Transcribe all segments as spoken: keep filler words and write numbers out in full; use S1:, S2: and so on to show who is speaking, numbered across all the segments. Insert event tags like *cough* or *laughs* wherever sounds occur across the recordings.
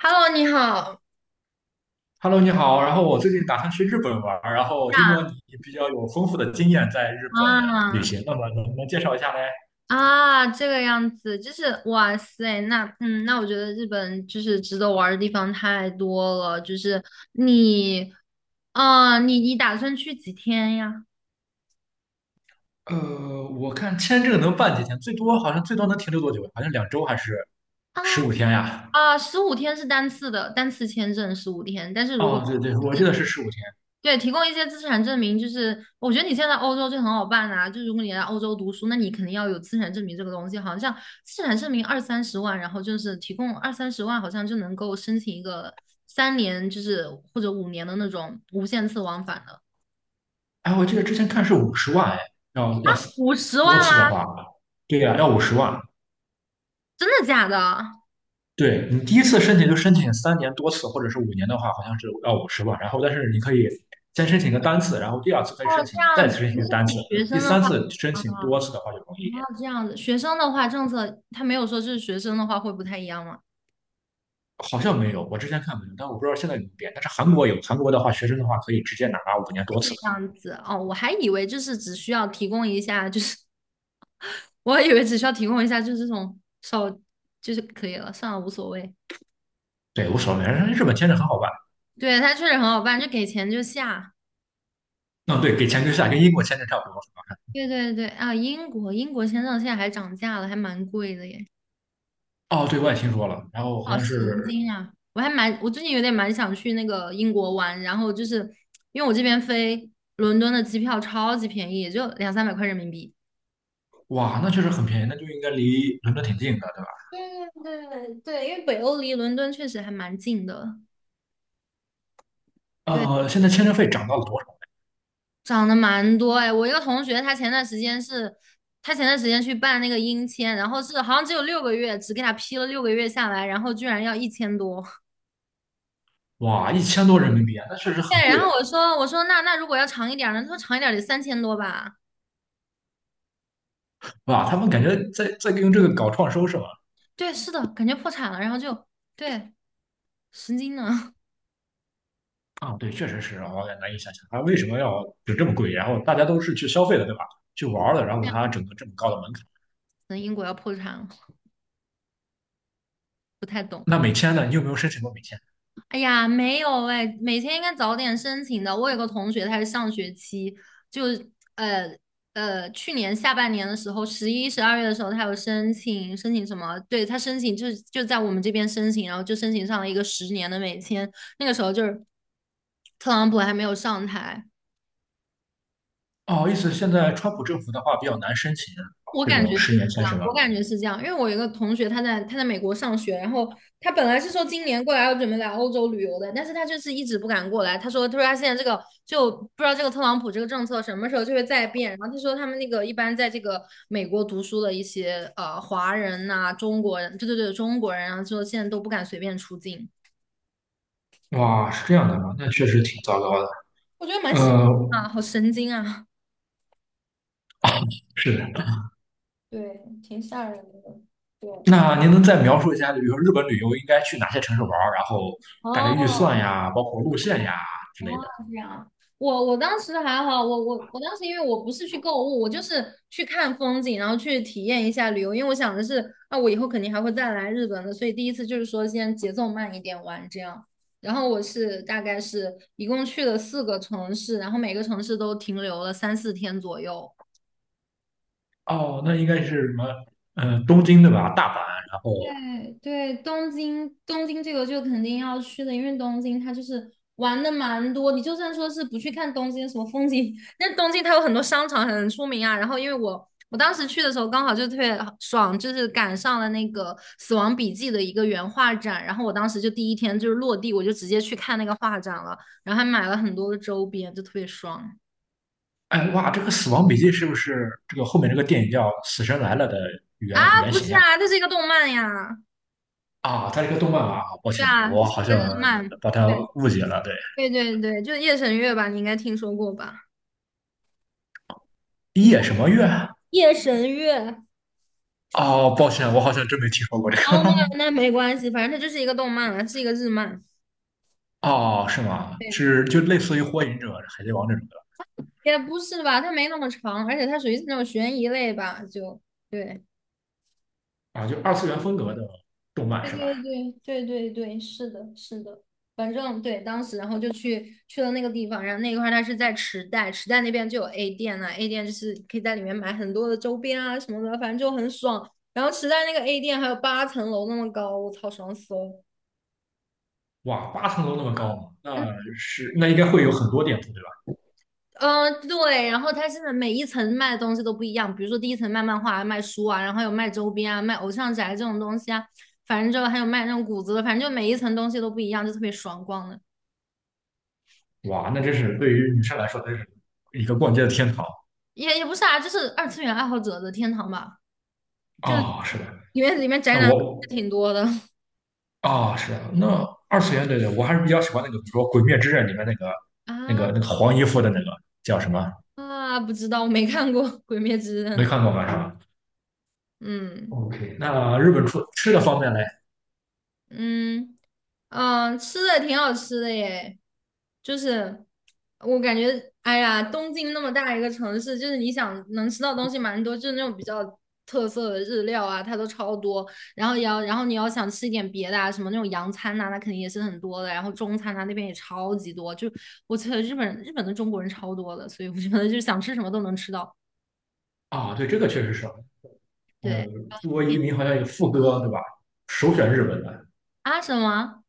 S1: Hello，你好
S2: Hello，你好。然后我最近打算去日本玩儿然后听说
S1: 呀。
S2: 你比较有丰富的经验在日本旅
S1: 啊
S2: 行，那么能不能介绍一下嘞？
S1: 啊，这个样子，就是哇塞，那嗯，那我觉得日本就是值得玩儿的地方太多了，就是你，啊，你你打算去几天呀？
S2: 呃，我看签证能办几天，最多好像最多能停留多久？好像两周还是
S1: 啊
S2: 十五天呀？
S1: 啊，十五天是单次的，单次签证十五天，但是如果
S2: 哦，对对，我记得是十五天。
S1: 对，提供一些资产证明，就是我觉得你现在欧洲就很好办啊。就如果你来欧洲读书，那你肯定要有资产证明这个东西。好像资产证明二三十万，然后就是提供二三十万，好像就能够申请一个三年，就是或者五年的那种无限次往返的。
S2: 哎，我记得之前看是五十万，哎，要要是
S1: 五十万
S2: 多
S1: 吗？
S2: 次的话，对呀、要五十万。
S1: 真的假的？
S2: 对你第一次申请就申请三年多次，或者是五年的话，好像是要五十吧。然后，但是你可以先申请个单次，然后第二次可以
S1: 哦，
S2: 申请，
S1: 这
S2: 再
S1: 样子，
S2: 次申请
S1: 不
S2: 一
S1: 是
S2: 个
S1: 自
S2: 单次，
S1: 己学
S2: 第
S1: 生的
S2: 三
S1: 话
S2: 次申
S1: 啊，
S2: 请多次的
S1: 啊，
S2: 话就容易一点。
S1: 这样子，学生的话政策他没有说，就是学生的话会不太一样吗？
S2: 好像没有，我之前看没有，但我不知道现在有没有变。但是韩国有，韩国的话，学生的话可以直接拿五年多
S1: 这
S2: 次，
S1: 样子哦，我还以为就是只需要提供一下，就是 *laughs* 我还以为只需要提供一下，就是这种手就是可以了，算了，无所谓。
S2: 对，无所谓。日本签证很好办，
S1: 对，它确实很好办，就给钱就下。
S2: 嗯，对，给钱就下，跟英国签证差不多是吧？
S1: 对对对啊，英国英国签证现在还涨价了，还蛮贵的耶，
S2: 哦，对，我也听说了。然后好
S1: 好
S2: 像
S1: 神
S2: 是，
S1: 经啊！我还蛮我最近有点蛮想去那个英国玩，然后就是因为我这边飞伦敦的机票超级便宜，也就两三百块人民币。
S2: 哇，那确实很便宜，那就应该离伦敦挺近的，对吧？
S1: 对对对，因为北欧离伦敦确实还蛮近的。对。
S2: 呃，现在签证费涨到了多少？
S1: 涨得蛮多哎，我一个同学，他前段时间是，他前段时间去办那个英签，然后是好像只有六个月，只给他批了六个月下来，然后居然要一千多。
S2: 哇，一千多人民币啊，那确实
S1: *laughs*
S2: 很
S1: 对，然
S2: 贵
S1: 后
S2: 啊！
S1: 我说我说那那如果要长一点儿呢？他说长一点儿得三千多吧。
S2: 哇，他们感觉在在用这个搞创收是吧？
S1: 对，是的，感觉破产了，然后就对，神经呢，*laughs*
S2: 啊，对，确实是啊，我也难以想象他为什么要就这么贵。然后大家都是去消费的，对吧？去玩儿的，然后他整个这么高的门槛。
S1: 可能英国要破产了，不太懂。
S2: 那美签呢？你有没有申请过美签？
S1: 哎呀，没有哎，每天应该早点申请的。我有个同学，他是上学期，就呃呃，去年下半年的时候，十一、十二月的时候，他有申请申请什么？对，他申请就是就在我们这边申请，然后就申请上了一个十年的美签。那个时候就是特朗普还没有上台，
S2: 哦，意思现在川普政府的话比较难申请
S1: 我
S2: 这
S1: 感
S2: 种
S1: 觉是这
S2: 十年签
S1: 样，
S2: 是吧？
S1: 我感觉是这样，因为我有一个同学，他在他在美国上学，然后他本来是说今年过来要准备来欧洲旅游的，但是他就是一直不敢过来。他说，他说他现在这个就不知道这个特朗普这个政策什么时候就会再变。然后他说他们那个一般在这个美国读书的一些呃华人呐、中国人，对对对，中国人啊，然后说现在都不敢随便出境。
S2: 哇，是这样的啊，那确实挺糟糕的。
S1: 我觉得蛮吓
S2: 呃，
S1: 人啊，好神经啊！
S2: *laughs* 是的。
S1: 对，挺吓人的。对，
S2: 那您能再描述一下，比如说日本旅游应该去哪些城市玩儿，然后大概预算
S1: 哦，
S2: 呀，包括路线呀之
S1: 哦，
S2: 类的？
S1: 这样，我我当时还好，我我我当时因为我不是去购物，我就是去看风景，然后去体验一下旅游，因为我想的是，啊，我以后肯定还会再来日本的，所以第一次就是说先节奏慢一点玩这样。然后我是大概是一共去了四个城市，然后每个城市都停留了三四天左右。
S2: 哦，那应该是什么？嗯、东京对吧？大阪，然后，
S1: 对对，东京东京这个就肯定要去的，因为东京它就是玩的蛮多。你就算说是不去看东京什么风景，那东京它有很多商场很出名啊。然后因为我我当时去的时候刚好就特别爽，就是赶上了那个《死亡笔记》的一个原画展，然后我当时就第一天就是落地，我就直接去看那个画展了，然后还买了很多的周边，就特别爽
S2: 哎，哇，这个《死亡笔记》是不是这个后面这个电影叫《死神来了》的
S1: 啊！
S2: 原原
S1: 不是
S2: 型呀？
S1: 啊，这是一个动漫呀，
S2: 啊，它是一个动漫吧啊，抱
S1: 对
S2: 歉，
S1: 啊，这
S2: 我
S1: 是
S2: 好
S1: 一个
S2: 像
S1: 日漫。
S2: 把它
S1: 对。
S2: 误解了。对，
S1: 对对对，就是夜神月吧，你应该听说过吧？你
S2: 夜什么月啊？
S1: 夜神月，哦，
S2: 哦，抱歉，我好像真没听说过这个。
S1: 那那没关系，反正它就是一个动漫啊，是一个日漫。
S2: *laughs* 哦，是吗？
S1: 对，
S2: 是就类似于《火影忍者》《海贼王》这种
S1: 也不是吧，它没那么长，而且它属于是那种悬疑类吧，就对，
S2: 的啊，就二次元风格的动漫
S1: 对
S2: 是吧？
S1: 对对对对对，是的，是的，反正对，当时然后就去去了那个地方，然后那一块儿它是在池袋，池袋那边就有 A 店啊，A 店就是可以在里面买很多的周边啊什么的，反正就很爽。然后池袋那个 A 店还有八层楼那么高，我操，爽死了。
S2: 哇，八层楼那么高吗，
S1: 嗯
S2: 那是那应该会有很多店铺对吧？
S1: 嗯，对，然后它现在每一层卖的东西都不一样，比如说第一层卖漫画、卖书啊，然后有卖周边啊、卖偶像宅这种东西啊，反正就还有卖那种谷子的，反正就每一层东西都不一样，就特别爽逛的，
S2: 哇，那真是对于女生来说，真是一个逛街的天堂
S1: 也也不是啊，就是二次元爱好者的天堂吧，就
S2: 啊、是的，
S1: 里面里面宅
S2: 那
S1: 男
S2: 我
S1: 挺多的
S2: 啊、是的，那二次元，对对，我还是比较喜欢那个，比如说《鬼灭之刃》里面那个、
S1: *laughs*
S2: 那个、
S1: 啊
S2: 那个黄衣服的那个叫什么？
S1: 啊，不知道，我没看过《鬼灭之刃》，
S2: 没看过吧？是吧
S1: 嗯。
S2: ？OK，那日本出吃的方面嘞？
S1: 嗯嗯，吃的挺好吃的耶，就是我感觉，哎呀，东京那么大一个城市，就是你想能吃到东西蛮多，就是那种比较特色的日料啊，它都超多。然后也要，然后你要想吃一点别的啊，什么那种洋餐呐、那肯定也是很多的。然后中餐呐、那边也超级多，就我觉得日本日本的中国人超多的，所以我觉得就是想吃什么都能吃到。
S2: 啊、对，这个确实是，呃，
S1: 对
S2: 中国移民好像有副歌，对吧？首选日本的，
S1: 啊，什么啊？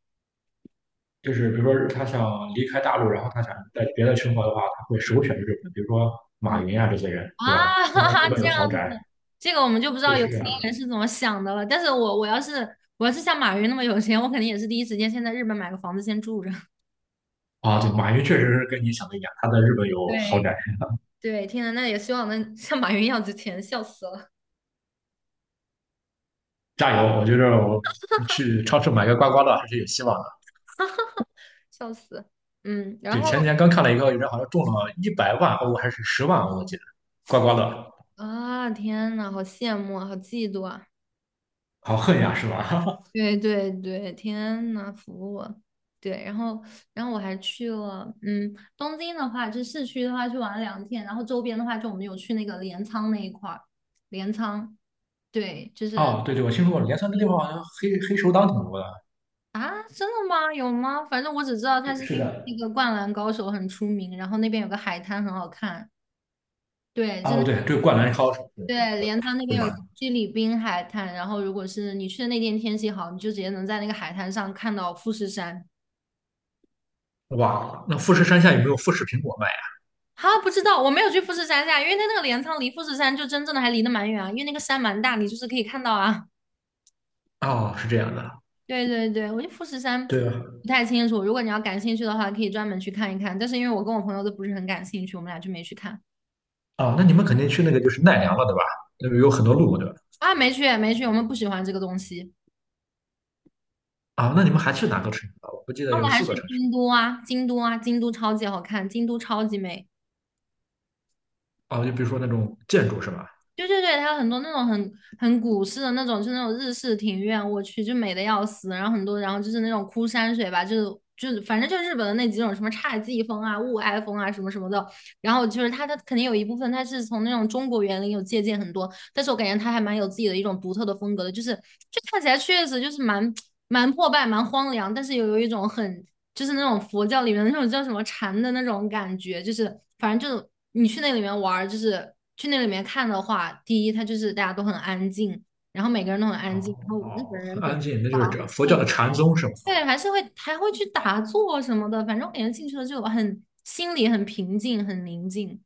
S2: 就是比如说他想离开大陆，然后他想在别的生活的话，他会首选日本，比如说马
S1: 嗯。
S2: 云啊这些人，
S1: 啊，
S2: 对吧？
S1: *laughs*
S2: 他
S1: 哈
S2: 在
S1: 哈，
S2: 日本
S1: 这
S2: 有豪
S1: 样子，
S2: 宅，
S1: 这个我们就不知
S2: 对，
S1: 道有
S2: 是这
S1: 钱
S2: 样。
S1: 人是怎么想的了。但是我我要是我要是像马云那么有钱，我肯定也是第一时间先在日本买个房子先住着。*laughs*
S2: 啊，对，马云确实是跟你想的一样，他在日本有豪
S1: 对，
S2: 宅。
S1: 对，天呐，那也希望能像马云一样值钱，笑死了，
S2: 加油！我觉得我去超市买个刮刮乐还是有希望的。
S1: 笑死。嗯，然
S2: 对，
S1: 后
S2: 前几天刚看了一个人好像中了一百万欧还是十万欧，我记得刮刮乐，
S1: 啊，天呐，好羡慕啊，好嫉妒啊。
S2: 好恨呀，是吧？
S1: 对对对，天呐，服我！对，然后然后我还去了，嗯，东京的话，就市区的话去玩了两天，然后周边的话，就我们有去那个镰仓那一块儿，镰仓，对，就
S2: *laughs*
S1: 是
S2: 哦，对对，我听说过镰仓这地方好像黑黑手党挺多的。
S1: 啊，真的吗？有吗？反正我只知道它
S2: 是
S1: 是
S2: 是
S1: 因为
S2: 的。
S1: 那个《灌篮高手》很出名，然后那边有个海滩很好看，对，真
S2: 哦，对，
S1: 的，
S2: 这个灌篮高手，对，
S1: 对，
S2: 我，
S1: 镰仓那
S2: 对
S1: 边有
S2: 吧？
S1: 七里滨海滩，然后如果是你去的那天天气好，你就直接能在那个海滩上看到富士山。
S2: 哇，那富士山下有没有富士苹果卖呀？
S1: 啊，不知道，我没有去富士山下，因为它那个镰仓离富士山就真正的还离得蛮远啊，因为那个山蛮大，你就是可以看到啊。
S2: 哦，是这样的。
S1: 对对对，我觉得富士山
S2: 对啊，
S1: 不太清楚，如果你要感兴趣的话，可以专门去看一看。但是因为我跟我朋友都不是很感兴趣，我们俩就没去看
S2: 哦，那你们肯定去那个就是奈良了，对吧？那个有很多路，对吧？
S1: 啊，没去没去，我们不喜欢这个东西。
S2: 啊，那你们还去哪个城市了？我不记得
S1: 那我
S2: 有
S1: 们还
S2: 四
S1: 去
S2: 个城市。
S1: 京都啊，京都啊，京都超级好看，京都超级美。
S2: 哦，就比如说那种建筑是吧？
S1: 对对对，它有很多那种很很古式的那种，就那种日式庭院，我去就美的要死。然后很多，然后就是那种枯山水吧，就是就是反正就是日本的那几种什么侘寂风啊、雾哀风啊什么什么的。然后就是它它肯定有一部分它是从那种中国园林有借鉴很多，但是我感觉他还蛮有自己的一种独特的风格的，就是就看起来确实就是蛮蛮破败、蛮荒凉，但是又有一种很就是那种佛教里面的那种叫什么禅的那种感觉，就是反正就你去那里面玩就是去那里面看的话，第一它就是大家都很安静，然后每个人都很安静，然
S2: 哦
S1: 后日
S2: 哦，
S1: 本人
S2: 很
S1: 本
S2: 安静，那
S1: 啊，
S2: 就是这佛教的禅宗是吧？
S1: 对，还是会还会去打坐什么的，反正我感觉进去了就很心里很平静、很宁静。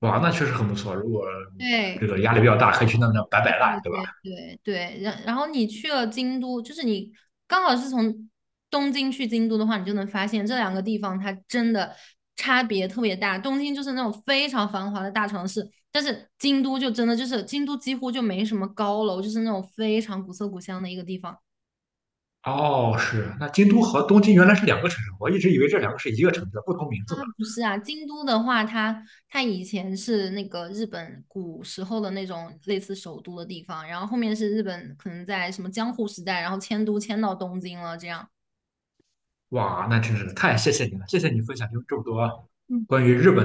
S2: 哇，那确实很不错。如果
S1: 对，
S2: 这个压力比较大，可以去那那摆摆烂，对吧？
S1: 对对对，然然后你去了京都，就是你刚好是从东京去京都的话，你就能发现这两个地方它真的差别特别大。东京就是那种非常繁华的大城市，但是京都就真的就是京都几乎就没什么高楼，就是那种非常古色古香的一个地方。
S2: 哦，是。那京都和东京原来是两个城市，我一直以为这两个是一个城市，不同名字呢。
S1: 啊，不是啊，京都的话，它它以前是那个日本古时候的那种类似首都的地方，然后后面是日本可能在什么江户时代，然后迁都迁到东京了这样。
S2: 哇，那真是太谢谢你了，谢谢你分享这么多关于日本。